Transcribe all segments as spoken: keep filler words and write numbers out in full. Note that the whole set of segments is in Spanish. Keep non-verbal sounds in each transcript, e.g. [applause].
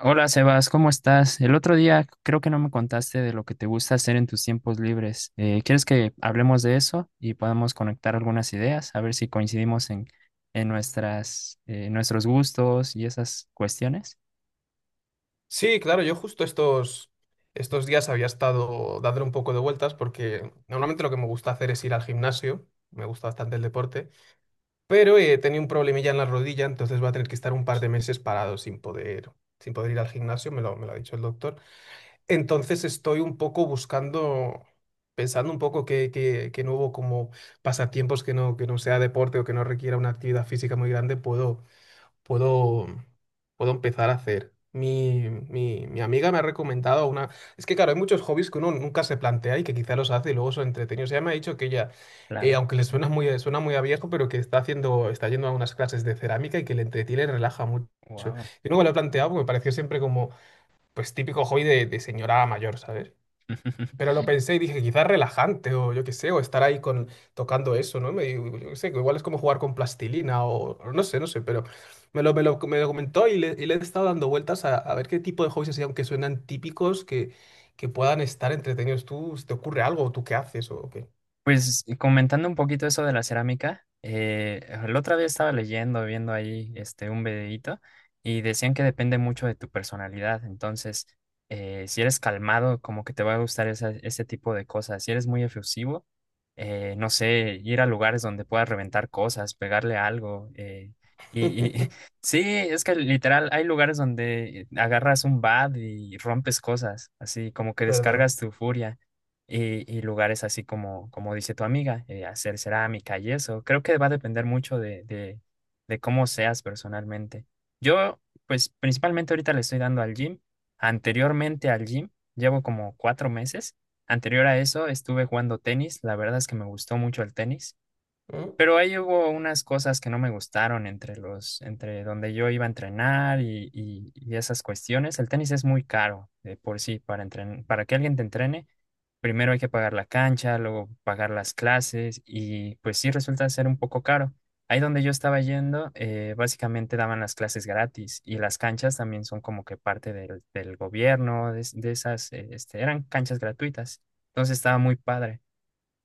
Hola Sebas, ¿cómo estás? El otro día creo que no me contaste de lo que te gusta hacer en tus tiempos libres. Eh, ¿quieres que hablemos de eso y podamos conectar algunas ideas? A ver si coincidimos en, en nuestras, eh, nuestros gustos y esas cuestiones. Sí, claro, yo justo estos, estos días había estado dándole un poco de vueltas porque normalmente lo que me gusta hacer es ir al gimnasio, me gusta bastante el deporte, pero eh, tenía un problemilla en la rodilla, entonces voy a tener que estar un par de meses parado sin poder, sin poder ir al gimnasio, me lo, me lo ha dicho el doctor. Entonces estoy un poco buscando, pensando un poco qué, qué, qué nuevo como pasatiempos que no, que no sea deporte o que no requiera una actividad física muy grande puedo puedo, puedo empezar a hacer. Mi, mi, mi amiga me ha recomendado una... Es que claro, hay muchos hobbies que uno nunca se plantea y que quizá los hace y luego son entretenidos. Ella me ha dicho que ella, eh, Claro. aunque le suena muy, suena muy a viejo, pero que está haciendo, está yendo a unas clases de cerámica y que le entretiene y relaja mucho. Yo Wow. no me lo he planteado porque me pareció siempre como, pues, típico hobby de, de señora mayor, ¿sabes? Pero [laughs] lo pensé y dije, quizás relajante o yo qué sé, o estar ahí con, tocando eso, ¿no? Me, yo qué sé, que igual es como jugar con plastilina o o no sé, no sé, pero me lo, me lo, me lo comentó y le, y le he estado dando vueltas a, a ver qué tipo de hobbies así, aunque suenan típicos, que, que puedan estar entretenidos. ¿Tú, se te ocurre algo o tú qué haces o qué? Pues y comentando un poquito eso de la cerámica, eh, la otra vez estaba leyendo, viendo ahí este, un videíto y decían que depende mucho de tu personalidad. Entonces, eh, si eres calmado, como que te va a gustar esa- ese tipo de cosas. Si eres muy efusivo, eh, no sé, ir a lugares donde puedas reventar cosas, pegarle algo. eh, y, y [laughs] [laughs] sí, es que literal, hay lugares donde agarras un bat y rompes cosas, así como Es que verdad. descargas tu furia y y lugares así como, como dice tu amiga, eh, hacer cerámica y eso. Creo que va a depender mucho de, de, de cómo seas personalmente. Yo, pues principalmente ahorita le estoy dando al gym. Anteriormente al gym, llevo como cuatro meses. Anterior a eso estuve jugando tenis. La verdad es que me gustó mucho el tenis. Mm. Pero ahí hubo unas cosas que no me gustaron entre los, entre donde yo iba a entrenar y, y, y esas cuestiones. El tenis es muy caro de por sí para entren- para que alguien te entrene. Primero hay que pagar la cancha, luego pagar las clases y pues sí resulta ser un poco caro. Ahí donde yo estaba yendo, eh, básicamente daban las clases gratis y las canchas también son como que parte del, del gobierno, de, es- de esas, eh, este, eran canchas gratuitas. Entonces estaba muy padre.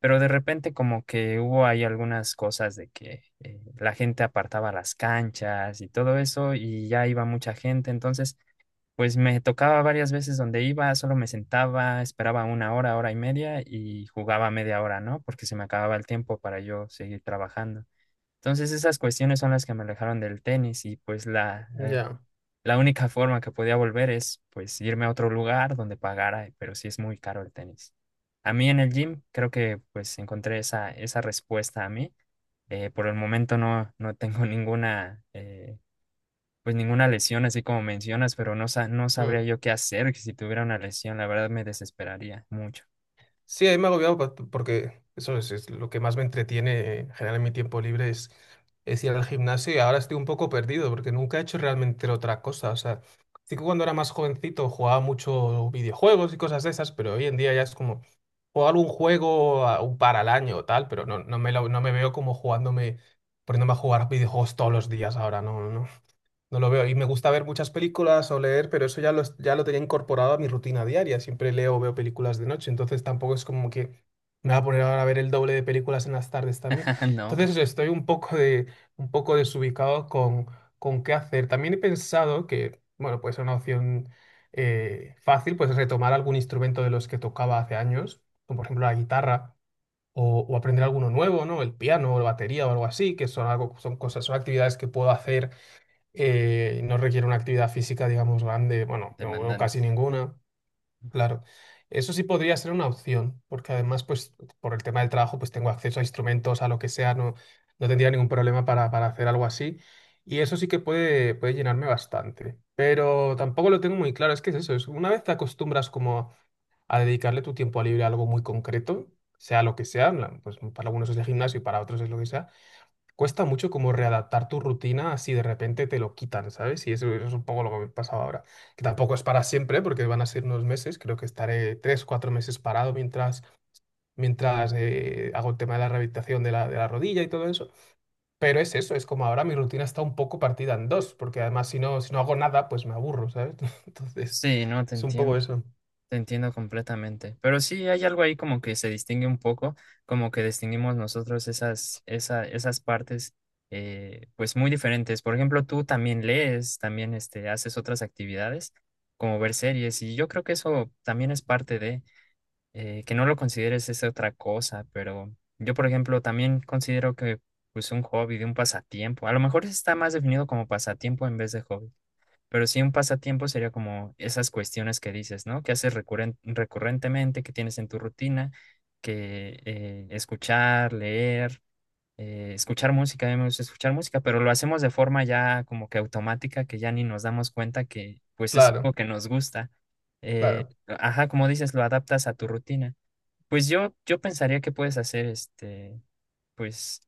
Pero de repente como que hubo ahí algunas cosas de que eh, la gente apartaba las canchas y todo eso y ya iba mucha gente. Entonces. Pues me tocaba varias veces donde iba, solo me sentaba, esperaba una hora, hora y media y jugaba media hora, ¿no? Porque se me acababa el tiempo para yo seguir trabajando. Entonces esas cuestiones son las que me alejaron del tenis y pues la, eh, Ya. la única forma que podía volver es pues irme a otro lugar donde pagara, pero sí es muy caro el tenis. A mí en el gym creo que pues encontré esa, esa respuesta a mí. Eh, por el momento no, no tengo ninguna, eh, pues ninguna lesión, así como mencionas, pero no, sa- no sabría Mm. yo qué hacer si tuviera una lesión. La verdad me desesperaría mucho. Sí, ahí me ha pa- porque eso es, es lo que más me entretiene en general en mi tiempo libre es, es ir al gimnasio y ahora estoy un poco perdido porque nunca he hecho realmente otra cosa. O sea, sí que cuando era más jovencito jugaba mucho videojuegos y cosas de esas, pero hoy en día ya es como jugar un juego a- un par al año o tal, pero no, no me, lo- no me veo como jugándome, poniéndome a jugar videojuegos todos los días ahora, no, no. No lo veo. Y me gusta ver muchas películas o leer, pero eso ya lo, es- ya lo tenía incorporado a mi rutina diaria. Siempre leo o veo películas de noche, entonces tampoco es como que me va a poner ahora a ver el doble de películas en las tardes también. [laughs] No, Entonces estoy un poco de, un poco desubicado con, con qué hacer. También he pensado que, bueno, pues una opción eh, fácil, pues retomar algún instrumento de los que tocaba hace años, como por ejemplo la guitarra. O, o aprender alguno nuevo, ¿no? El piano o la batería o algo así, que son algo, son cosas, son actividades que puedo hacer eh, no requiere una actividad física, digamos, grande, bueno, no veo demandante. casi ninguna, claro. Eso sí podría ser una opción, porque además, pues, por el tema del trabajo, pues tengo acceso a instrumentos, a lo que sea, no, no tendría ningún problema para, para hacer algo así. Y eso sí que puede, puede llenarme bastante. Pero tampoco lo tengo muy claro, es que es eso, es una vez te acostumbras como a dedicarle tu tiempo libre a algo muy concreto, sea lo que sea, en plan, pues para algunos es el gimnasio y para otros es lo que sea, cuesta mucho como readaptar tu rutina si de repente te lo quitan, ¿sabes? Y eso es un poco lo que me pasaba ahora. Que tampoco es para siempre, porque van a ser unos meses, creo que estaré tres, cuatro meses parado mientras, mientras eh, hago el tema de la rehabilitación de la, de la rodilla y todo eso. Pero es eso, es como ahora mi rutina está un poco partida en dos, porque además si no, si no hago nada, pues me aburro, ¿sabes? [laughs] Entonces, Sí, no, te es un poco entiendo. eso. Te entiendo completamente. Pero sí, hay algo ahí como que se distingue un poco, como que distinguimos nosotros esas, esa, esas partes, eh, pues muy diferentes. Por ejemplo, tú también lees, también este, haces otras actividades, como ver series, y yo creo que eso también es parte de. Eh, que no lo consideres es otra cosa, pero yo, por ejemplo, también considero que pues un hobby, de un pasatiempo, a lo mejor está más definido como pasatiempo en vez de hobby, pero sí un pasatiempo sería como esas cuestiones que dices, ¿no? Que haces recurren- recurrentemente, que tienes en tu rutina, que eh, escuchar, leer. Eh, escuchar música, a mí me gusta escuchar música, pero lo hacemos de forma ya como que automática, que ya ni nos damos cuenta que pues es algo Claro, que nos gusta. Eh, claro. ajá, como dices, lo adaptas a tu rutina. Pues yo, yo pensaría que puedes hacer este, pues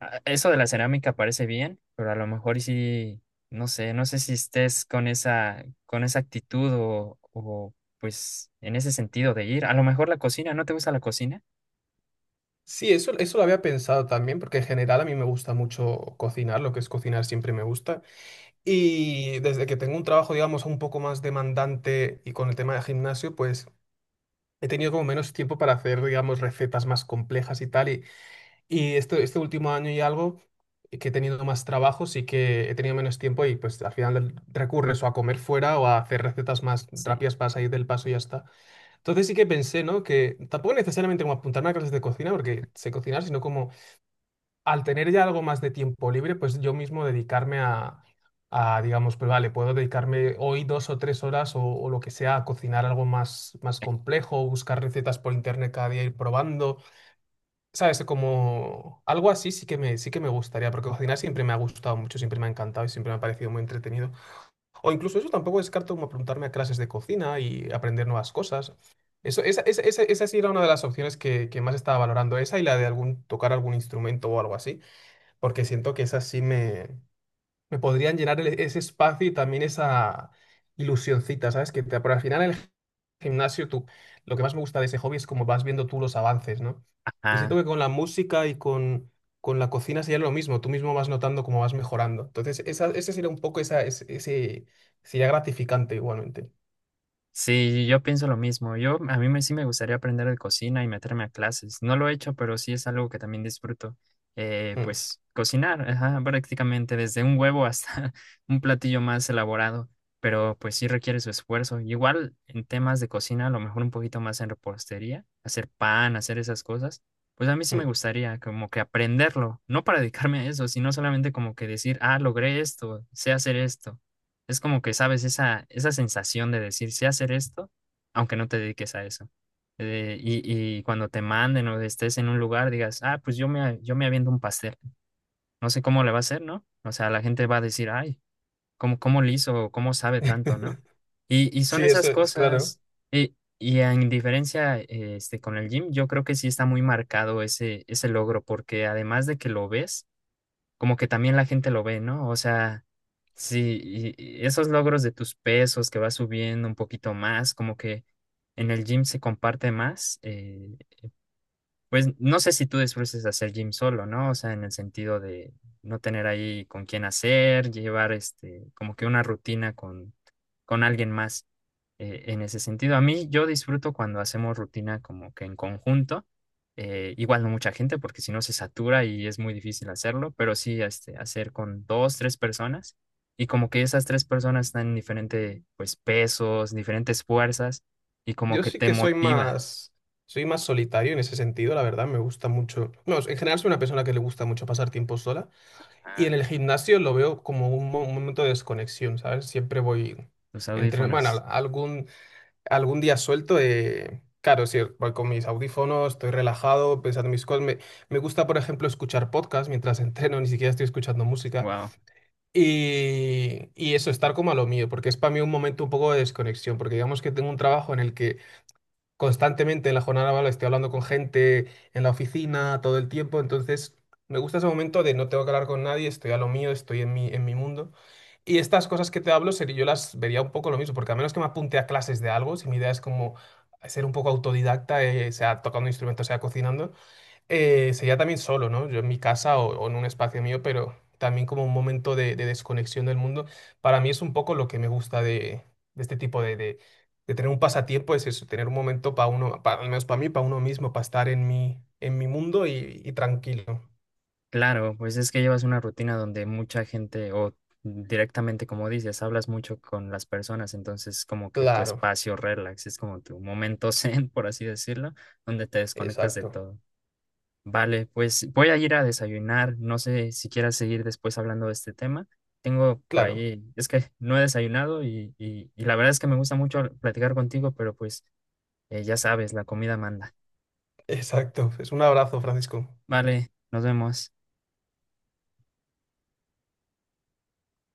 a- eso de la cerámica parece bien, pero a lo mejor y sí, no sé, no sé si estés con esa, con esa actitud o, o pues en ese sentido de ir. A lo mejor la cocina, ¿no te gusta la cocina? Sí, eso, eso lo había pensado también, porque en general a mí me gusta mucho cocinar, lo que es cocinar siempre me gusta. Y desde que tengo un trabajo, digamos, un poco más demandante y con el tema de gimnasio, pues he tenido como menos tiempo para hacer, digamos, recetas más complejas y tal. Y, y este, este último año y algo eh, que he tenido más trabajo, sí que he tenido menos tiempo y pues al final recurres o a comer fuera o a hacer recetas más Sí. rápidas para salir del paso y ya está. Entonces sí que pensé, ¿no? Que tampoco necesariamente como apuntarme a clases de cocina, porque sé cocinar, sino como al tener ya algo más de tiempo libre, pues yo mismo dedicarme a, a, digamos, pues vale, puedo dedicarme hoy dos o tres horas o, o lo que sea a cocinar algo más, más complejo, buscar recetas por internet cada día, ir probando, ¿sabes? Como algo así sí que me, sí que me gustaría, porque cocinar siempre me ha gustado mucho, siempre me ha encantado y siempre me ha parecido muy entretenido. O incluso eso tampoco descarto como apuntarme a clases de cocina y aprender nuevas cosas. Eso, esa, esa, esa, esa sí era una de las opciones que, que más estaba valorando, esa y la de algún, tocar algún instrumento o algo así, porque siento que esas sí me, me podrían llenar el- ese espacio y también esa ilusioncita, ¿sabes? Que te, por al final el gimnasio, tú, lo que más me gusta de ese hobby es como vas viendo tú los avances, ¿no? Y siento Ajá. que con la música y con, con la cocina sería lo mismo, tú mismo vas notando cómo vas mejorando. Entonces, esa, ese sería un poco esa, ese, ese- sería gratificante igualmente. Sí, yo pienso lo mismo. Yo, a mí me, sí me gustaría aprender de cocina y meterme a clases. No lo he hecho, pero sí es algo que también disfruto. Eh, Mm, pues cocinar, ajá, prácticamente desde un huevo hasta [laughs] un platillo más elaborado, pero pues sí requiere su esfuerzo. Igual en temas de cocina, a lo mejor un poquito más en repostería, hacer pan, hacer esas cosas. Pues a mí sí me mm. gustaría como que aprenderlo, no para dedicarme a eso, sino solamente como que decir, ah, logré esto, sé hacer esto. Es como que sabes esa, esa sensación de decir, sé hacer esto, aunque no te dediques a eso. Eh, y, y cuando te manden o estés en un lugar, digas, ah, pues yo me, yo me aviento un pastel. No sé cómo le va a hacer, ¿no? O sea, la gente va a decir, ay, ¿cómo, cómo le hizo? O ¿cómo sabe tanto?, ¿no? [laughs] Y, y son Sí, esas eso es, claro. cosas. Y, y en diferencia eh, este, con el gym, yo creo que sí está muy marcado ese, ese logro, porque además de que lo ves, como que también la gente lo ve, ¿no? O sea, sí, y- y esos logros de tus pesos que vas subiendo un poquito más, como que en el gym se comparte más, eh, pues no sé si tú disfrutes hacer gym solo, ¿no? O sea, en el sentido de no tener ahí con quién hacer, llevar este, como que una rutina con, con alguien más eh, en ese sentido, a mí yo disfruto cuando hacemos rutina como que en conjunto, eh, igual no mucha gente porque si no se satura y es muy difícil hacerlo, pero sí este, hacer con dos, tres personas y como que esas tres personas están en diferentes pues, pesos, diferentes fuerzas y como Yo que sí te que soy motiva más, soy más solitario en ese sentido, la verdad, me gusta mucho. No, en general soy una persona que le gusta mucho pasar tiempo sola y a en el gimnasio lo veo como un, mo- un momento de desconexión, ¿sabes? Siempre voy tus entre, bueno, audífonos. al- algún, algún día suelto, eh, claro, sí, voy con mis audífonos, estoy relajado, pensando en mis cosas. Me, me gusta, por ejemplo, escuchar podcast mientras [laughs] entreno, ni siquiera estoy escuchando música. Wow. Y, y eso, estar como a lo mío, porque es para mí un momento un poco de desconexión, porque digamos que tengo un trabajo en el que constantemente en la jornada laboral estoy hablando con gente en la oficina todo el tiempo, entonces me gusta ese momento de no tengo que hablar con nadie, estoy a lo mío, estoy en mi, en mi mundo. Y estas cosas que te hablo, sería, yo las vería un poco lo mismo, porque a menos que me apunte a clases de algo, si mi idea es como ser un poco autodidacta, eh, sea tocando instrumentos, sea cocinando, eh, sería también solo, ¿no? Yo en mi casa o, o en un espacio mío, pero también como un momento de, de desconexión del mundo. Para mí es un poco lo que me gusta de, de este tipo de, de, de tener un pasatiempo, es eso, tener un momento para uno, pa- al menos para mí, para uno mismo, para estar en mi, en mi mundo y, y tranquilo. Claro, pues es que llevas una rutina donde mucha gente o directamente, como dices, hablas mucho con las personas, entonces como que tu Claro, espacio relax es como tu momento [laughs] zen, por así decirlo, donde te desconectas de exacto, todo. Vale, pues voy a ir a desayunar, no sé si quieras seguir después hablando de este tema. Tengo por claro, ahí, es que no he desayunado y, y, y la verdad es que me gusta mucho platicar contigo, pero pues eh, ya sabes, la comida manda. [laughs] exacto. Es un abrazo, Francisco. Vale, nos vemos.